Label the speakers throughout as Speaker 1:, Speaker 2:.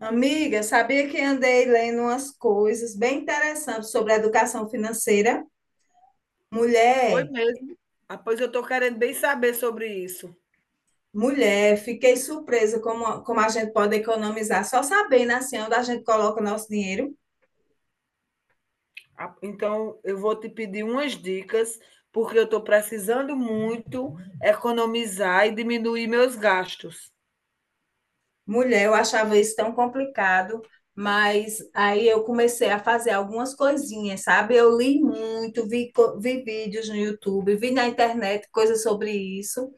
Speaker 1: Amiga, sabia que andei lendo umas coisas bem interessantes sobre a educação financeira?
Speaker 2: Foi
Speaker 1: Mulher,
Speaker 2: mesmo. Ah, pois eu estou querendo bem saber sobre isso.
Speaker 1: mulher, fiquei surpresa como a gente pode economizar só sabendo assim onde a gente coloca o nosso dinheiro.
Speaker 2: Ah, então, eu vou te pedir umas dicas, porque eu estou precisando muito economizar e diminuir meus gastos.
Speaker 1: Mulher, eu achava isso tão complicado, mas aí eu comecei a fazer algumas coisinhas, sabe? Eu li muito, vi vídeos no YouTube, vi na internet coisas sobre isso,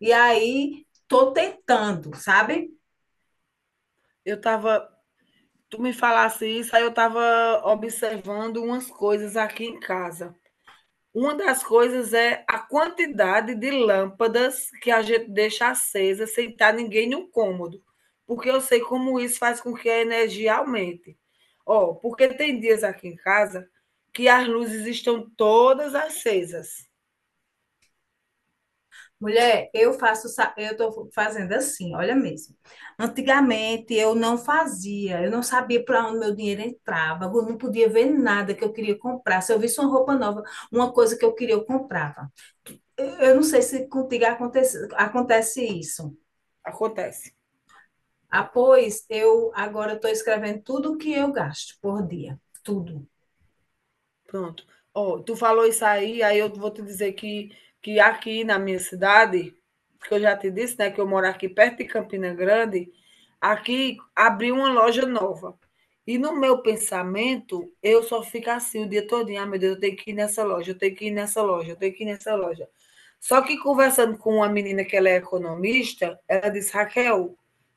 Speaker 1: e aí tô tentando, sabe?
Speaker 2: Eu tava, tu me falasse isso, aí eu estava observando umas coisas aqui em casa. Uma das coisas é a quantidade de lâmpadas que a gente deixa acesa sem estar ninguém no cômodo, porque eu sei como isso faz com que a energia aumente. Ó, porque tem dias aqui em casa que as luzes estão todas acesas.
Speaker 1: Mulher, eu tô fazendo assim, olha mesmo. Antigamente eu não fazia, eu não sabia para onde meu dinheiro entrava, eu não podia ver nada que eu queria comprar. Se eu visse uma roupa nova, uma coisa que eu queria, eu comprava. Eu não sei se contigo acontece isso.
Speaker 2: Acontece.
Speaker 1: Após, eu agora estou escrevendo tudo o que eu gasto por dia. Tudo.
Speaker 2: Pronto. Ó, tu falou isso aí, aí eu vou te dizer que aqui na minha cidade, que eu já te disse, né, que eu moro aqui perto de Campina Grande, aqui abriu uma loja nova. E no meu pensamento, eu só fico assim o dia todinho, ah, meu Deus, eu tenho que ir nessa loja, eu tenho que ir nessa loja, eu tenho que ir nessa loja. Só que conversando com uma menina que ela é economista, ela disse, Raquel,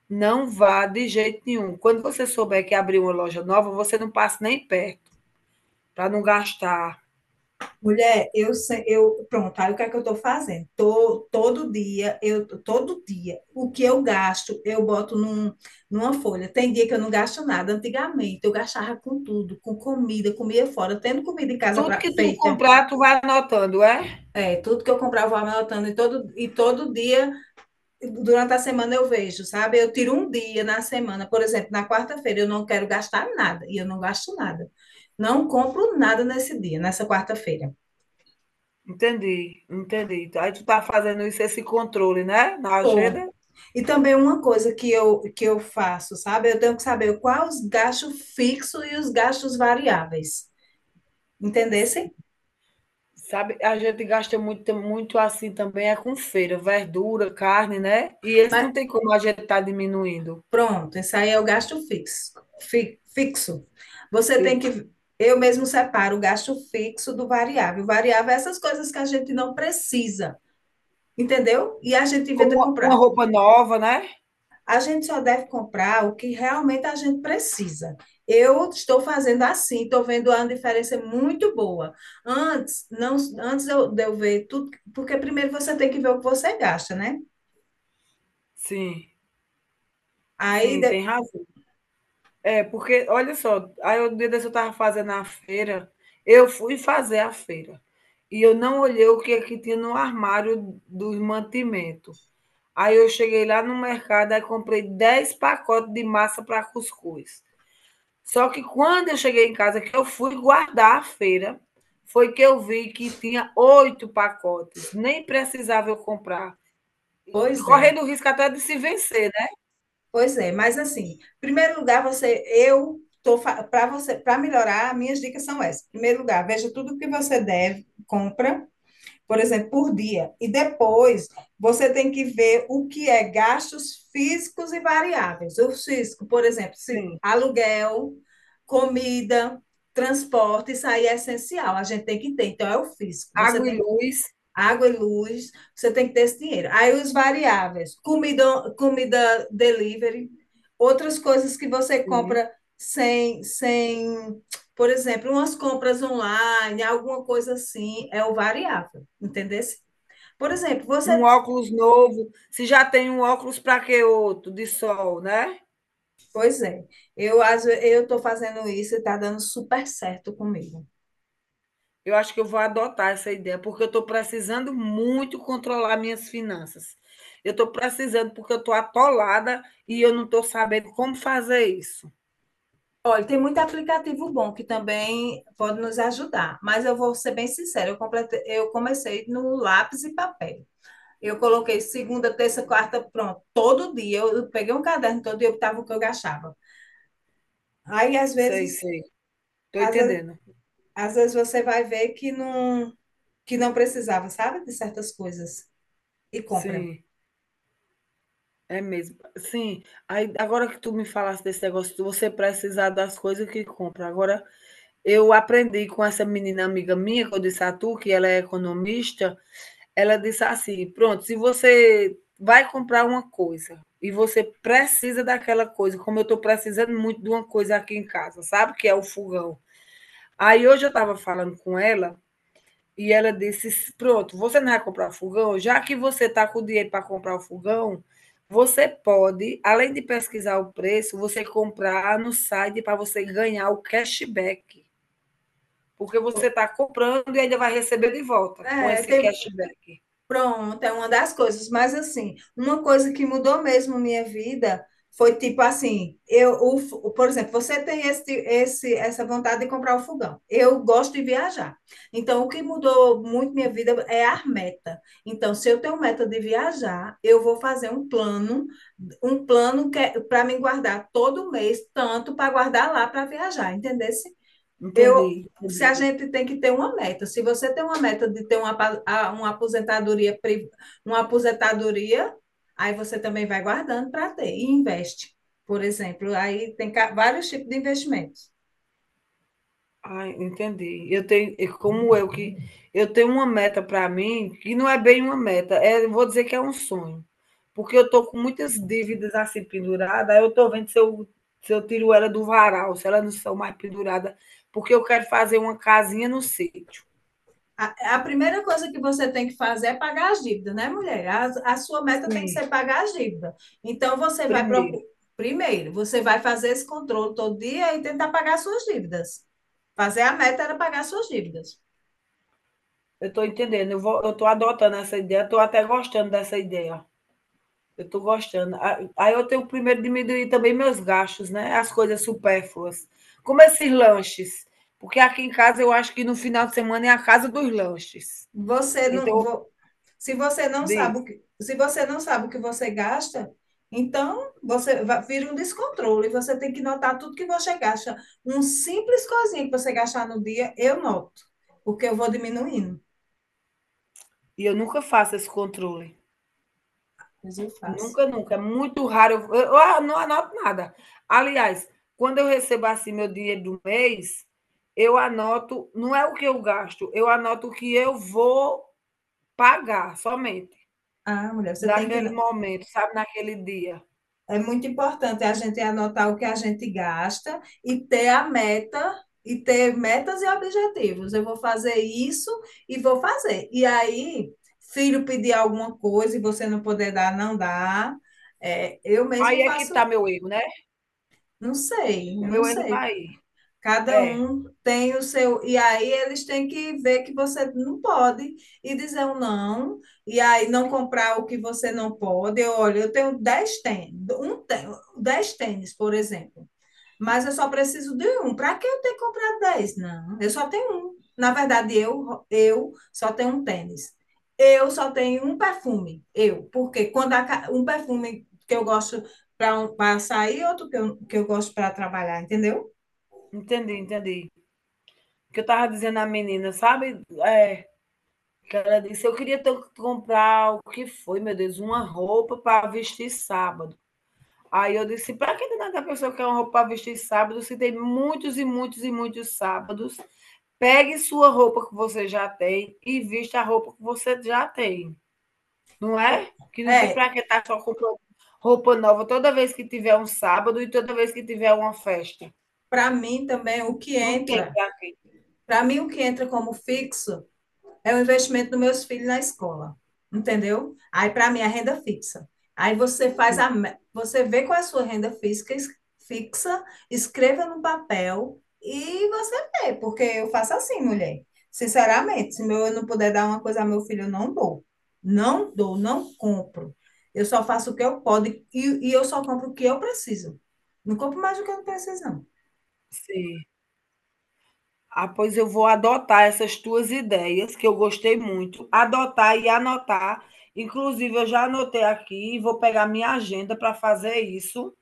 Speaker 2: não vá de jeito nenhum. Quando você souber que abriu uma loja nova, você não passa nem perto, para não gastar.
Speaker 1: Mulher, eu, se- eu pronto, aí o que é que eu estou fazendo? Tô, todo dia, o que eu gasto, eu boto numa folha. Tem dia que eu não gasto nada. Antigamente eu gastava com tudo, com comida, comia fora, tendo comida em casa
Speaker 2: Tudo
Speaker 1: pra
Speaker 2: que tu
Speaker 1: feita.
Speaker 2: comprar, tu vai anotando, é?
Speaker 1: É, tudo que eu comprava, eu vou anotando. E todo dia durante a semana eu vejo, sabe? Eu tiro um dia na semana, por exemplo, na quarta-feira eu não quero gastar nada e eu não gasto nada. Não compro nada nesse dia, nessa quarta-feira.
Speaker 2: Entendi, entendi. Então, aí tu tá fazendo isso, esse controle, né? Na
Speaker 1: Tô.
Speaker 2: agenda.
Speaker 1: E também uma coisa que eu faço, sabe? Eu tenho que saber quais os gastos fixos e os gastos variáveis.
Speaker 2: Sim.
Speaker 1: Entendessem?
Speaker 2: Sabe, a gente gasta muito, muito assim também, é com feira, verdura, carne, né? E esse não
Speaker 1: Mas
Speaker 2: tem como a gente tá diminuindo,
Speaker 1: pronto, esse aí é o gasto fixo. Fixo. Você tem
Speaker 2: fixo.
Speaker 1: que eu mesmo separo o gasto fixo do variável. O variável é essas coisas que a gente não precisa, entendeu? E a gente
Speaker 2: Como
Speaker 1: inventa
Speaker 2: uma
Speaker 1: comprar.
Speaker 2: roupa nova, né?
Speaker 1: A gente só deve comprar o que realmente a gente precisa. Eu estou fazendo assim, estou vendo uma diferença muito boa. Antes, não, antes eu, de eu ver tudo, porque primeiro você tem que ver o que você gasta, né?
Speaker 2: Sim,
Speaker 1: Aí,
Speaker 2: sim,
Speaker 1: de,
Speaker 2: tem razão. É, porque, olha só, aí o dia desse eu estava fazendo a feira, eu fui fazer a feira, e eu não olhei o que é que tinha no armário dos mantimentos. Aí eu cheguei lá no mercado e comprei 10 pacotes de massa para cuscuz. Só que quando eu cheguei em casa, que eu fui guardar a feira, foi que eu vi que tinha 8 pacotes. Nem precisava eu comprar.
Speaker 1: pois é,
Speaker 2: Correndo o risco até de se vencer, né?
Speaker 1: pois é. Mas assim, em primeiro lugar, você, eu estou para você, para melhorar, minhas dicas são essas. Em primeiro lugar, veja tudo o que você deve, compra, por exemplo, por dia. E depois você tem que ver o que é gastos físicos e variáveis. O físico, por exemplo, se
Speaker 2: Sim.
Speaker 1: aluguel, comida, transporte, isso aí é essencial, a gente tem que ter. Então, é o físico. Você
Speaker 2: Água e
Speaker 1: tem
Speaker 2: luz,
Speaker 1: água e luz, você tem que ter esse dinheiro. Aí os variáveis, comida, comida delivery, outras coisas que você
Speaker 2: sim.
Speaker 1: compra sem, sem, por exemplo, umas compras online, alguma coisa assim, é o variável, entendeu? Por exemplo,
Speaker 2: Um óculos novo. Se já tem um óculos, para que outro? De sol, né?
Speaker 1: pois é, eu estou fazendo isso e está dando super certo comigo.
Speaker 2: Eu acho que eu vou adotar essa ideia, porque eu estou precisando muito controlar minhas finanças. Eu estou precisando, porque eu estou atolada e eu não estou sabendo como fazer isso.
Speaker 1: Olha, tem muito aplicativo bom que também pode nos ajudar, mas eu vou ser bem sincera, eu comecei no lápis e papel. Eu coloquei segunda, terça, quarta, pronto. Todo dia eu peguei um caderno, todo dia eu estava o que eu gastava. Aí às
Speaker 2: Sei,
Speaker 1: vezes,
Speaker 2: sei. Estou
Speaker 1: às,
Speaker 2: entendendo.
Speaker 1: às vezes você vai ver que que não precisava, sabe, de certas coisas e compra.
Speaker 2: Sim, é mesmo. Sim, aí, agora que tu me falaste desse negócio de você precisar das coisas que compra. Agora, eu aprendi com essa menina amiga minha, que eu disse a tu, que ela é economista. Ela disse assim: "Pronto, se você vai comprar uma coisa e você precisa daquela coisa, como eu estou precisando muito de uma coisa aqui em casa, sabe, que é o fogão". Aí hoje eu estava falando com ela e ela disse: pronto, você não vai comprar o fogão? Já que você está com o dinheiro para comprar o fogão, você pode, além de pesquisar o preço, você comprar no site para você ganhar o cashback, porque você está comprando e ainda vai receber de volta com
Speaker 1: É,
Speaker 2: esse
Speaker 1: tem,
Speaker 2: cashback".
Speaker 1: Pronto, é uma das coisas. Mas, assim, uma coisa que mudou mesmo minha vida foi tipo assim: eu, o, f- o- por exemplo, você tem essa vontade de comprar o fogão. Eu gosto de viajar. Então, o que mudou muito minha vida é a meta. Então, se eu tenho meta de viajar, eu vou fazer um plano que para me guardar todo mês, tanto para guardar lá para viajar, entendeu?
Speaker 2: Entendi,
Speaker 1: eu, Se a
Speaker 2: entendi.
Speaker 1: gente tem que ter uma meta, se você tem uma meta de ter uma, uma aposentadoria, uma aposentadoria, aí você também vai guardando para ter e investe. Por exemplo, aí tem vários tipos de investimentos.
Speaker 2: Ah, entendi. Eu tenho, e como eu que eu tenho uma meta para mim, que não é bem uma meta, é, eu vou dizer que é um sonho. Porque eu tô com muitas dívidas assim pendurada, aí eu tô vendo se eu se eu tiro ela do varal, se ela não são mais pendurada, porque eu quero fazer uma casinha no sítio.
Speaker 1: A primeira coisa que você tem que fazer é pagar as dívidas, né, mulher? A sua meta tem que
Speaker 2: Sim.
Speaker 1: ser pagar as dívidas. Então, você vai
Speaker 2: Primeiro,
Speaker 1: procurar. Primeiro, você vai fazer esse controle todo dia e tentar pagar suas dívidas. Fazer a meta era pagar suas dívidas.
Speaker 2: eu estou entendendo, eu vou, eu estou adotando essa ideia, estou até gostando dessa ideia. Eu estou gostando. Ah, aí eu tenho primeiro diminuir também meus gastos, né? As coisas supérfluas. Como esses lanches. Porque aqui em casa eu acho que no final de semana é a casa dos lanches.
Speaker 1: Você não,
Speaker 2: Então,
Speaker 1: vo- Se você não sabe o
Speaker 2: diz.
Speaker 1: que, se você não sabe o que você gasta, então vira um descontrole. Você tem que notar tudo que você gasta. Um simples coisinha que você gastar no dia, eu noto, porque eu vou diminuindo.
Speaker 2: E eu nunca faço esse controle.
Speaker 1: Mas eu faço.
Speaker 2: Nunca, nunca. É muito raro. Eu, eu não anoto nada. Aliás, quando eu recebo assim meu dinheiro do mês, eu anoto, não é o que eu gasto, eu anoto o que eu vou pagar somente,
Speaker 1: Ah, mulher, você tem que
Speaker 2: daquele momento, sabe, naquele dia.
Speaker 1: É muito importante a gente anotar o que a gente gasta e ter a meta e ter metas e objetivos. Eu vou fazer isso e vou fazer. E aí, filho pedir alguma coisa e você não poder dar, não dá. É, eu mesmo
Speaker 2: Aí é que tá
Speaker 1: faço,
Speaker 2: meu erro, né.
Speaker 1: não sei,
Speaker 2: O
Speaker 1: eu não
Speaker 2: meu erro tá
Speaker 1: sei.
Speaker 2: aí.
Speaker 1: Cada
Speaker 2: É,
Speaker 1: um tem o seu. E aí eles têm que ver que você não pode e dizer um não. E aí não comprar o que você não pode. Eu, olha, eu tenho 10 tênis, por exemplo. Mas eu só preciso de um. Para que eu ter comprado 10? Não, eu só tenho um. Na verdade, eu só tenho um tênis. Eu só tenho um perfume. Eu. Porque quando a um perfume que eu gosto para um, pra sair, outro que eu gosto para trabalhar, entendeu?
Speaker 2: entendi, entendi. O que eu tava dizendo à menina, sabe, é, que ela disse: "Eu queria tanto comprar", o que foi, meu Deus, uma roupa para vestir sábado. Aí eu disse: para que danada a pessoa quer uma roupa para vestir sábado, se tem muitos e muitos e muitos sábados? Pegue sua roupa que você já tem e vista a roupa que você já tem", não
Speaker 1: Eu-
Speaker 2: é? Que não tem
Speaker 1: É,
Speaker 2: para que estar só comprando roupa nova toda vez que tiver um sábado e toda vez que tiver uma festa.
Speaker 1: Para mim também,
Speaker 2: Não tem pra quem.
Speaker 1: para mim o que entra como fixo é o investimento dos meus filhos na escola, entendeu? Aí para mim é renda fixa. Aí você faz a, Você vê qual é a sua renda física fixa, escreva no papel e você vê, porque eu faço assim, mulher. Sinceramente, se meu, eu não puder dar uma coisa ao meu filho, eu não dou. Não dou, não compro. Eu só faço o que eu posso e eu só compro o que eu preciso. Não compro mais do que eu não preciso, não.
Speaker 2: Sim. Ah, pois eu vou adotar essas tuas ideias, que eu gostei muito, adotar e anotar. Inclusive, eu já anotei aqui e vou pegar minha agenda para fazer isso.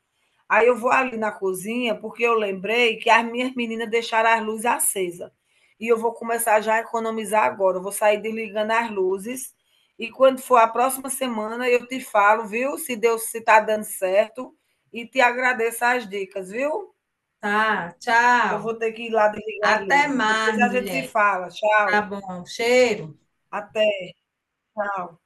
Speaker 2: Aí eu vou ali na cozinha, porque eu lembrei que as minhas meninas deixaram as luzes acesa. E eu vou começar já a economizar agora. Eu vou sair desligando as luzes. E quando for a próxima semana, eu te falo, viu? Se Deus se tá dando certo. E te agradeço as dicas, viu?
Speaker 1: Tá,
Speaker 2: Que eu
Speaker 1: tchau.
Speaker 2: vou ter que ir lá desligar as
Speaker 1: Até
Speaker 2: luzes. Depois
Speaker 1: mais,
Speaker 2: a gente se
Speaker 1: mulher.
Speaker 2: fala. Tchau,
Speaker 1: Tá bom. Cheiro.
Speaker 2: até, tchau.